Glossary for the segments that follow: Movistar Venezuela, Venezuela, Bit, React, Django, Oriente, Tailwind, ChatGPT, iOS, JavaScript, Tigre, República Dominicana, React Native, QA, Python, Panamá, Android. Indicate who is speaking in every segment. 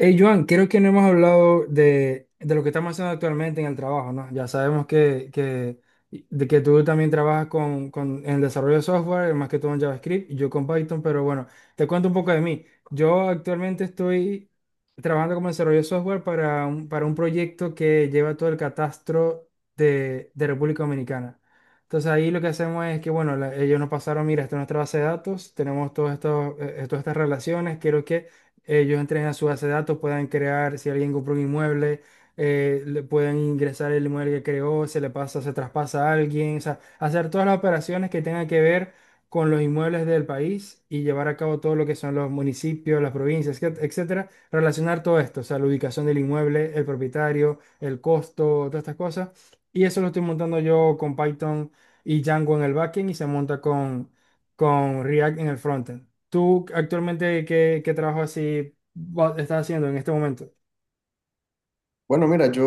Speaker 1: Hey, Joan, creo que no hemos hablado de lo que estamos haciendo actualmente en el trabajo, ¿no? Ya sabemos de que tú también trabajas en el desarrollo de software, más que todo en JavaScript, y yo con Python, pero bueno, te cuento un poco de mí. Yo actualmente estoy trabajando como desarrollo de software para para un proyecto que lleva todo el catastro de República Dominicana. Entonces ahí lo que hacemos es que, bueno, ellos nos pasaron, mira, esta es nuestra base de datos, tenemos todos estos, todas estas relaciones, quiero que ellos entren a su base de datos, puedan crear, si alguien compró un inmueble, le pueden ingresar el inmueble que creó, se le pasa, se traspasa a alguien, o sea, hacer todas las operaciones que tengan que ver con los inmuebles del país y llevar a cabo todo lo que son los municipios, las provincias, etcétera, relacionar todo esto, o sea, la ubicación del inmueble, el propietario, el costo, todas estas cosas. Y eso lo estoy montando yo con Python y Django en el backend y se monta con React en el frontend. ¿Tú actualmente qué trabajo estás haciendo en este momento?
Speaker 2: Bueno, mira, yo,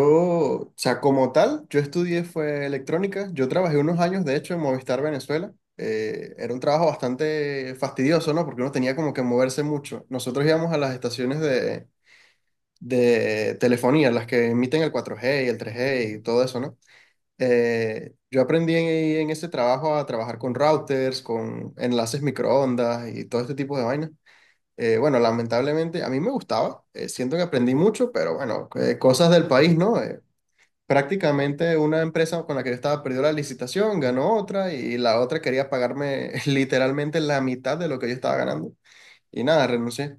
Speaker 2: o sea, como tal, yo estudié fue electrónica. Yo trabajé unos años, de hecho, en Movistar Venezuela. Era un trabajo bastante fastidioso, ¿no? Porque uno tenía como que moverse mucho. Nosotros íbamos a las estaciones de telefonía, las que emiten el 4G y el tres
Speaker 1: Ujú.
Speaker 2: g y todo eso, ¿no? Yo aprendí en ese trabajo a trabajar con routers, con enlaces microondas y todo este tipo de vainas. Bueno, Lamentablemente a mí me gustaba, siento que aprendí mucho, pero bueno, cosas del país, ¿no? Prácticamente una empresa con la que yo estaba perdió la licitación, ganó otra y la otra quería pagarme literalmente la mitad de lo que yo estaba ganando. Y nada, renuncié.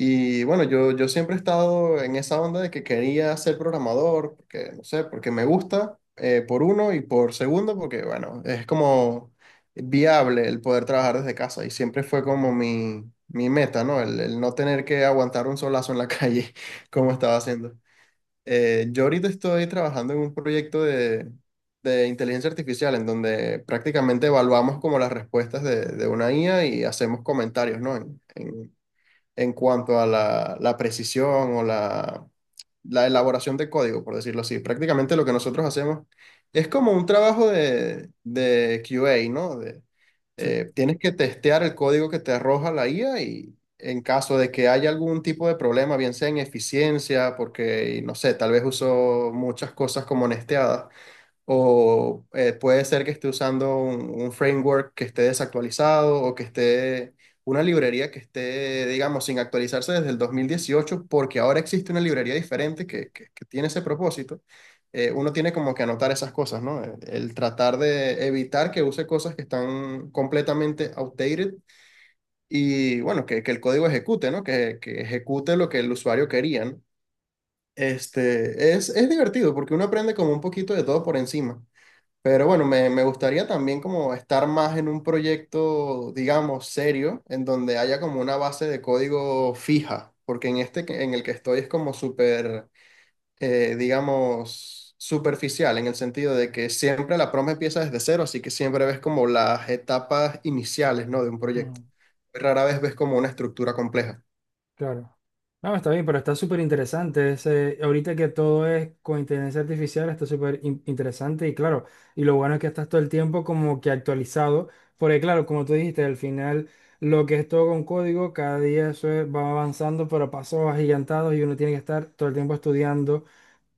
Speaker 2: Y bueno, yo siempre he estado en esa onda de que quería ser programador, porque no sé, porque me gusta, por uno y por segundo, porque bueno, es como viable el poder trabajar desde casa y siempre fue como mi meta, ¿no? El no tener que aguantar un solazo en la calle como
Speaker 1: Ujú.
Speaker 2: estaba haciendo. Yo ahorita estoy trabajando en un proyecto de inteligencia artificial en donde prácticamente evaluamos como las respuestas de una IA y hacemos comentarios, ¿no? En cuanto a la precisión o la elaboración de código, por decirlo así. Prácticamente lo que nosotros hacemos es como un trabajo de QA, ¿no?
Speaker 1: Sí.
Speaker 2: Tienes que testear el código que te arroja la IA y en caso de que haya algún tipo de problema, bien sea en eficiencia, porque, no sé, tal vez uso muchas cosas como nesteadas o puede ser que esté usando un framework que esté desactualizado o que esté una librería que esté, digamos, sin actualizarse desde el 2018 porque ahora existe una librería diferente que tiene ese propósito. Uno tiene como que anotar esas cosas, ¿no? El tratar de evitar que use cosas que están completamente outdated y, bueno, que el código ejecute, ¿no? Que ejecute lo que el usuario quería, ¿no? Este, es divertido porque uno aprende como un poquito de todo por encima. Pero bueno, me gustaría también como estar más en un proyecto, digamos, serio, en donde haya como una base de código fija, porque en en el que estoy es como súper, digamos, superficial, en el sentido de que siempre la prompt empieza desde cero, así que siempre ves como las etapas iniciales, ¿no? De un proyecto.
Speaker 1: Ujú.
Speaker 2: Rara vez ves como una estructura compleja.
Speaker 1: Claro. No, está bien, pero está súper interesante. Ahorita que todo es con inteligencia artificial, está súper interesante y claro, y lo bueno es que estás todo el tiempo como que actualizado, porque claro, como tú dijiste, al final lo que es todo con código, cada día va avanzando, pero a pasos agigantados y uno tiene que estar todo el tiempo estudiando.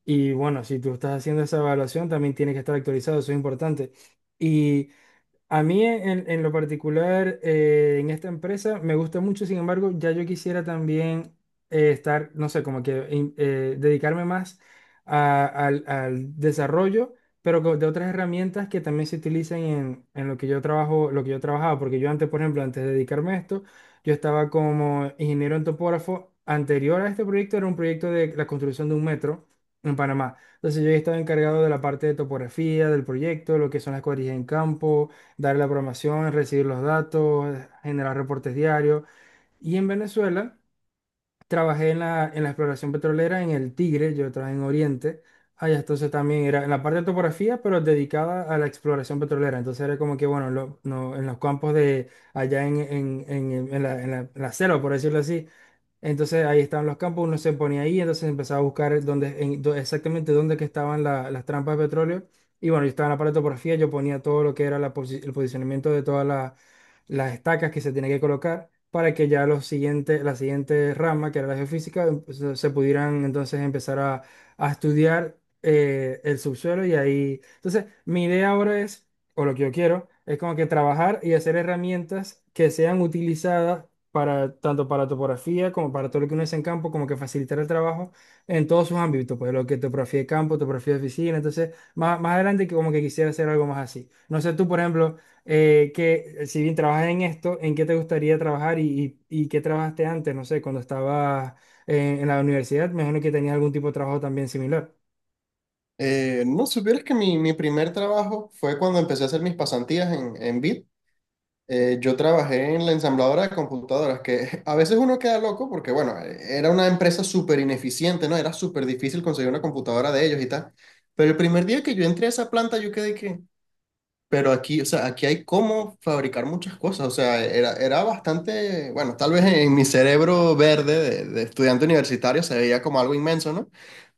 Speaker 1: Y bueno, si tú estás haciendo esa evaluación, también tiene que estar actualizado, eso es importante. Y a mí en lo particular, en esta empresa, me gusta mucho, sin embargo, ya yo quisiera también estar, no sé, como que dedicarme más al desarrollo, pero de otras herramientas que también se utilizan en lo que yo trabajo, lo que yo trabajaba, porque yo antes, por ejemplo, antes de dedicarme a esto, yo estaba como ingeniero en topógrafo. Anterior a este proyecto era un proyecto de la construcción de un metro en Panamá. Entonces yo ya estaba encargado de la parte de topografía, del proyecto, lo que son las cuadrillas en campo, dar la programación, recibir los datos, generar reportes diarios. Y en Venezuela trabajé en en la exploración petrolera en el Tigre, yo trabajé en Oriente. Allá entonces también era en la parte de topografía, pero dedicada a la exploración petrolera. Entonces era como que, bueno, lo- no, en los campos de allá en la selva, por decirlo así, entonces ahí estaban los campos, uno se ponía ahí, entonces empezaba a buscar dónde, exactamente dónde que estaban las trampas de petróleo. Y bueno, yo estaba en la paratopografía, yo ponía todo lo que era el posicionamiento de todas las estacas que se tenía que colocar para que ya los siguientes, la siguiente rama, que era la geofísica, se pudieran entonces empezar a estudiar el subsuelo. Y ahí, entonces mi idea ahora es o lo que yo quiero, es como que trabajar y hacer herramientas que sean utilizadas para tanto para topografía como para todo lo que uno hace en campo, como que facilitar el trabajo en todos sus ámbitos, pues lo que es topografía de campo, topografía de oficina, entonces más adelante que como que quisiera hacer algo más así. No sé tú, por ejemplo, que si bien trabajas en esto, ¿en qué te gustaría trabajar y qué trabajaste antes? No sé, cuando estabas en la universidad, me imagino que tenías algún tipo de trabajo también similar.
Speaker 2: No supieras que mi primer trabajo fue cuando empecé a hacer mis pasantías en Bit. Yo trabajé en la ensambladora de computadoras, que a veces uno queda loco porque, bueno, era una empresa súper ineficiente, ¿no? Era súper difícil conseguir una computadora de ellos y tal. Pero el primer día que yo entré a esa planta, yo quedé que, pero aquí, o sea, aquí hay cómo fabricar muchas cosas. O sea, era bastante, bueno, tal vez en mi cerebro verde de estudiante universitario se veía como algo inmenso, ¿no?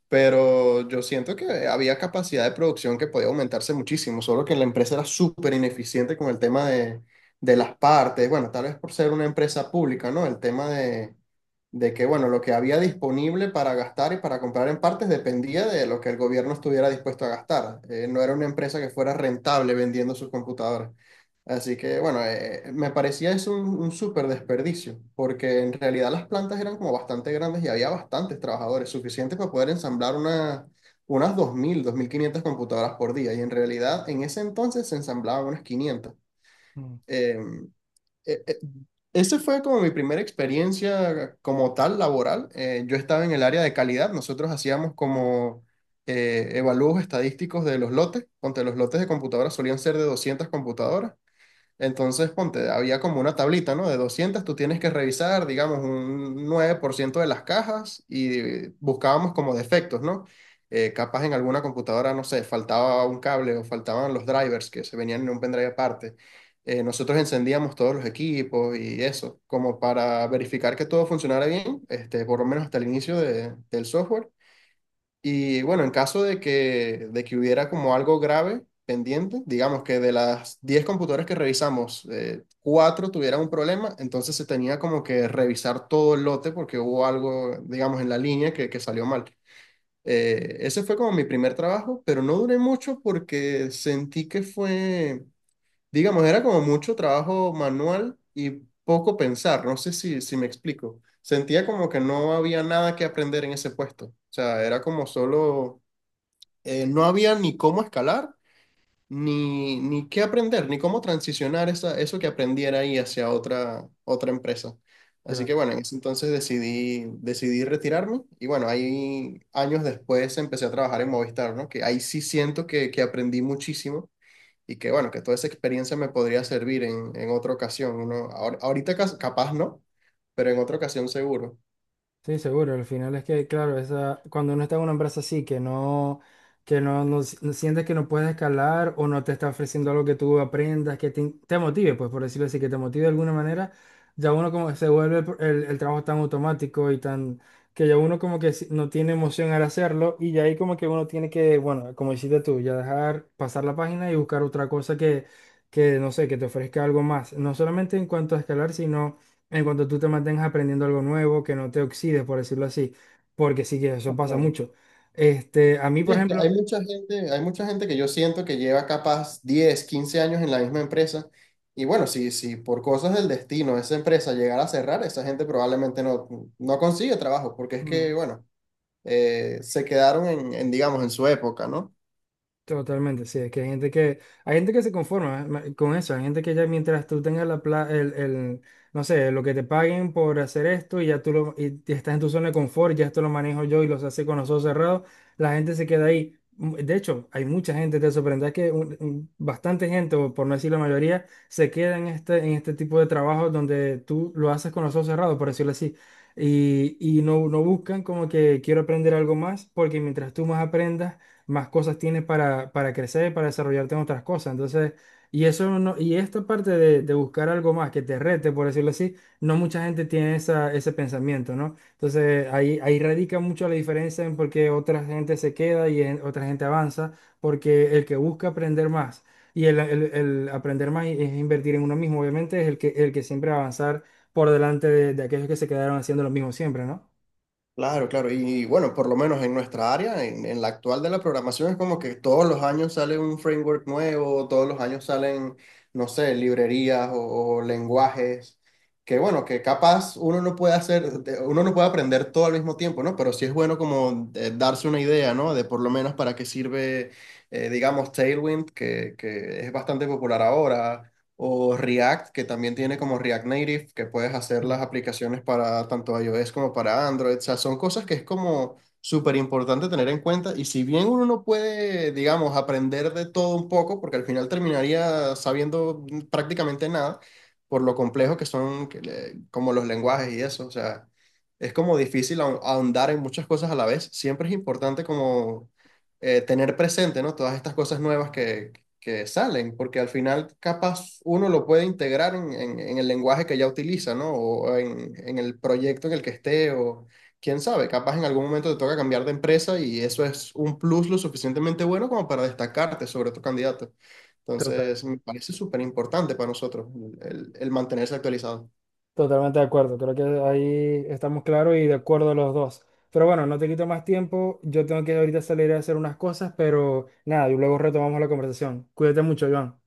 Speaker 2: Pero yo siento que había capacidad de producción que podía aumentarse muchísimo, solo que la empresa era súper ineficiente con el tema de las partes, bueno, tal vez por ser una empresa pública, ¿no? El tema de que, bueno, lo que había disponible para gastar y para comprar en partes dependía de lo que el gobierno estuviera dispuesto a gastar. No era una empresa que fuera rentable vendiendo sus computadoras. Así que bueno, me parecía eso un súper desperdicio, porque en realidad las plantas eran como bastante grandes y había bastantes trabajadores, suficiente para poder ensamblar unas 2, 2000, 2500 computadoras por día. Y en realidad en ese entonces se ensamblaban unas 500.
Speaker 1: Mm,
Speaker 2: Eh, eh, eh, Esa fue como mi primera experiencia como tal laboral. Yo estaba en el área de calidad, nosotros hacíamos como evalúos estadísticos de los lotes, donde los lotes de computadoras solían ser de 200 computadoras. Entonces, ponte, había como una tablita, ¿no? De 200, tú tienes que revisar, digamos, un 9% de las cajas y buscábamos como defectos, ¿no? Capaz en alguna computadora, no sé, faltaba un cable o faltaban los drivers que se venían en un pendrive aparte. Nosotros encendíamos todos los equipos y eso, como para verificar que todo funcionara bien, este, por lo menos hasta el del software. Y bueno, en caso de de que hubiera como algo grave pendiente, digamos que de las 10 computadoras que revisamos, 4 tuvieran un problema, entonces se tenía como que revisar todo el lote porque hubo algo, digamos, en la línea que salió mal. Ese fue como mi primer trabajo, pero no duré mucho porque sentí que fue, digamos, era como mucho trabajo manual y poco pensar, no sé si me explico. Sentía como que no había nada que aprender en ese puesto. O sea, era como solo no había ni cómo escalar, ni qué aprender, ni cómo transicionar esa, eso que aprendiera ahí hacia otra empresa. Así que
Speaker 1: claro.
Speaker 2: bueno, en ese entonces decidí retirarme y bueno, ahí años después empecé a trabajar en Movistar, ¿no? Que ahí sí siento que aprendí muchísimo y que bueno, que toda esa experiencia me podría servir en otra ocasión, ¿no? Ahorita capaz no, pero en otra ocasión seguro.
Speaker 1: Sí, seguro. Al final es que, claro, esa, cuando uno está en una empresa así, que no, no no sientes que no puedes escalar o no te está ofreciendo algo que tú aprendas, te motive, pues por decirlo así, que te motive de alguna manera, ya uno como que se vuelve el trabajo tan automático y tan, que ya uno como que no tiene emoción al hacerlo y ya ahí como que uno tiene que, bueno, como hiciste tú, ya dejar pasar la página y buscar otra que no sé, que te ofrezca algo más. No solamente en cuanto a escalar, sino en cuanto tú te mantengas aprendiendo algo nuevo, que no te oxides, por decirlo así, porque sí que eso pasa mucho. Este, a mí,
Speaker 2: Sí,
Speaker 1: por
Speaker 2: es que
Speaker 1: ejemplo,
Speaker 2: hay mucha gente que yo siento que lleva capaz 10, 15 años en la misma empresa. Y bueno, si por cosas del destino esa empresa llegara a cerrar, esa gente probablemente no, no consigue trabajo, porque es que, bueno, se quedaron digamos, en su época, ¿no?
Speaker 1: totalmente, sí, es que hay gente que se conforma con eso, hay gente que ya mientras tú tengas el, no sé, lo que te paguen por hacer esto y ya tú lo, y te- estás en tu zona de confort, ya esto lo manejo yo y los hace con los ojos cerrados, la gente se queda ahí. Mm. De hecho, hay mucha gente, te sorprenderá que bastante gente, o por no decir la mayoría, se queda en este tipo de trabajo donde tú lo haces con los ojos cerrados, por decirlo así. No buscan como que quiero aprender algo más, porque mientras tú más aprendas, más cosas tienes para crecer, para desarrollarte en otras cosas. Entonces, y eso no, y esta parte de buscar algo más que te rete, por decirlo así, no mucha gente tiene esa, ese pensamiento, ¿no? Entonces, ahí radica mucho la diferencia en por qué otra gente se queda otra gente avanza, porque el que busca aprender más el aprender es invertir en uno mismo, obviamente, es el que siempre va a avanzar por delante de aquellos que se quedaron haciendo lo mismo siempre, ¿no?
Speaker 2: Claro, claro. Y bueno, por lo menos en nuestra área, en la actual de la programación, es como que todos los años sale un framework nuevo, todos los años salen, no sé, librerías o lenguajes, que bueno, que capaz uno no puede uno no puede aprender todo al mismo tiempo, ¿no? Pero sí es bueno como darse una idea, ¿no? De por lo menos para qué sirve, digamos, Tailwind, que es bastante popular ahora o React, que también tiene como React Native, que puedes hacer
Speaker 1: Ujú.
Speaker 2: las aplicaciones para tanto iOS como para Android. O sea, son cosas que es como súper importante tener en cuenta. Y si bien uno no puede, digamos, aprender de todo un poco, porque al final terminaría sabiendo prácticamente nada, por lo complejo que son como los lenguajes y eso, o sea, es como difícil ahondar en muchas cosas a la vez. Siempre es importante como tener presente, ¿no? Todas estas cosas nuevas que salen, porque al final capaz uno lo puede integrar en el lenguaje que ya utiliza, ¿no? O en el proyecto en el que esté, o quién sabe, capaz en algún momento te toca cambiar de empresa y eso es un plus lo suficientemente bueno como para destacarte sobre tu candidato.
Speaker 1: Total.
Speaker 2: Entonces, me parece súper importante para nosotros el mantenerse actualizado.
Speaker 1: Totalmente de acuerdo, creo que ahí estamos claros y de acuerdo los dos. Pero bueno, no te quito más tiempo, yo tengo que ahorita salir a hacer unas cosas, pero nada, y luego retomamos la conversación. Cuídate mucho, Iván.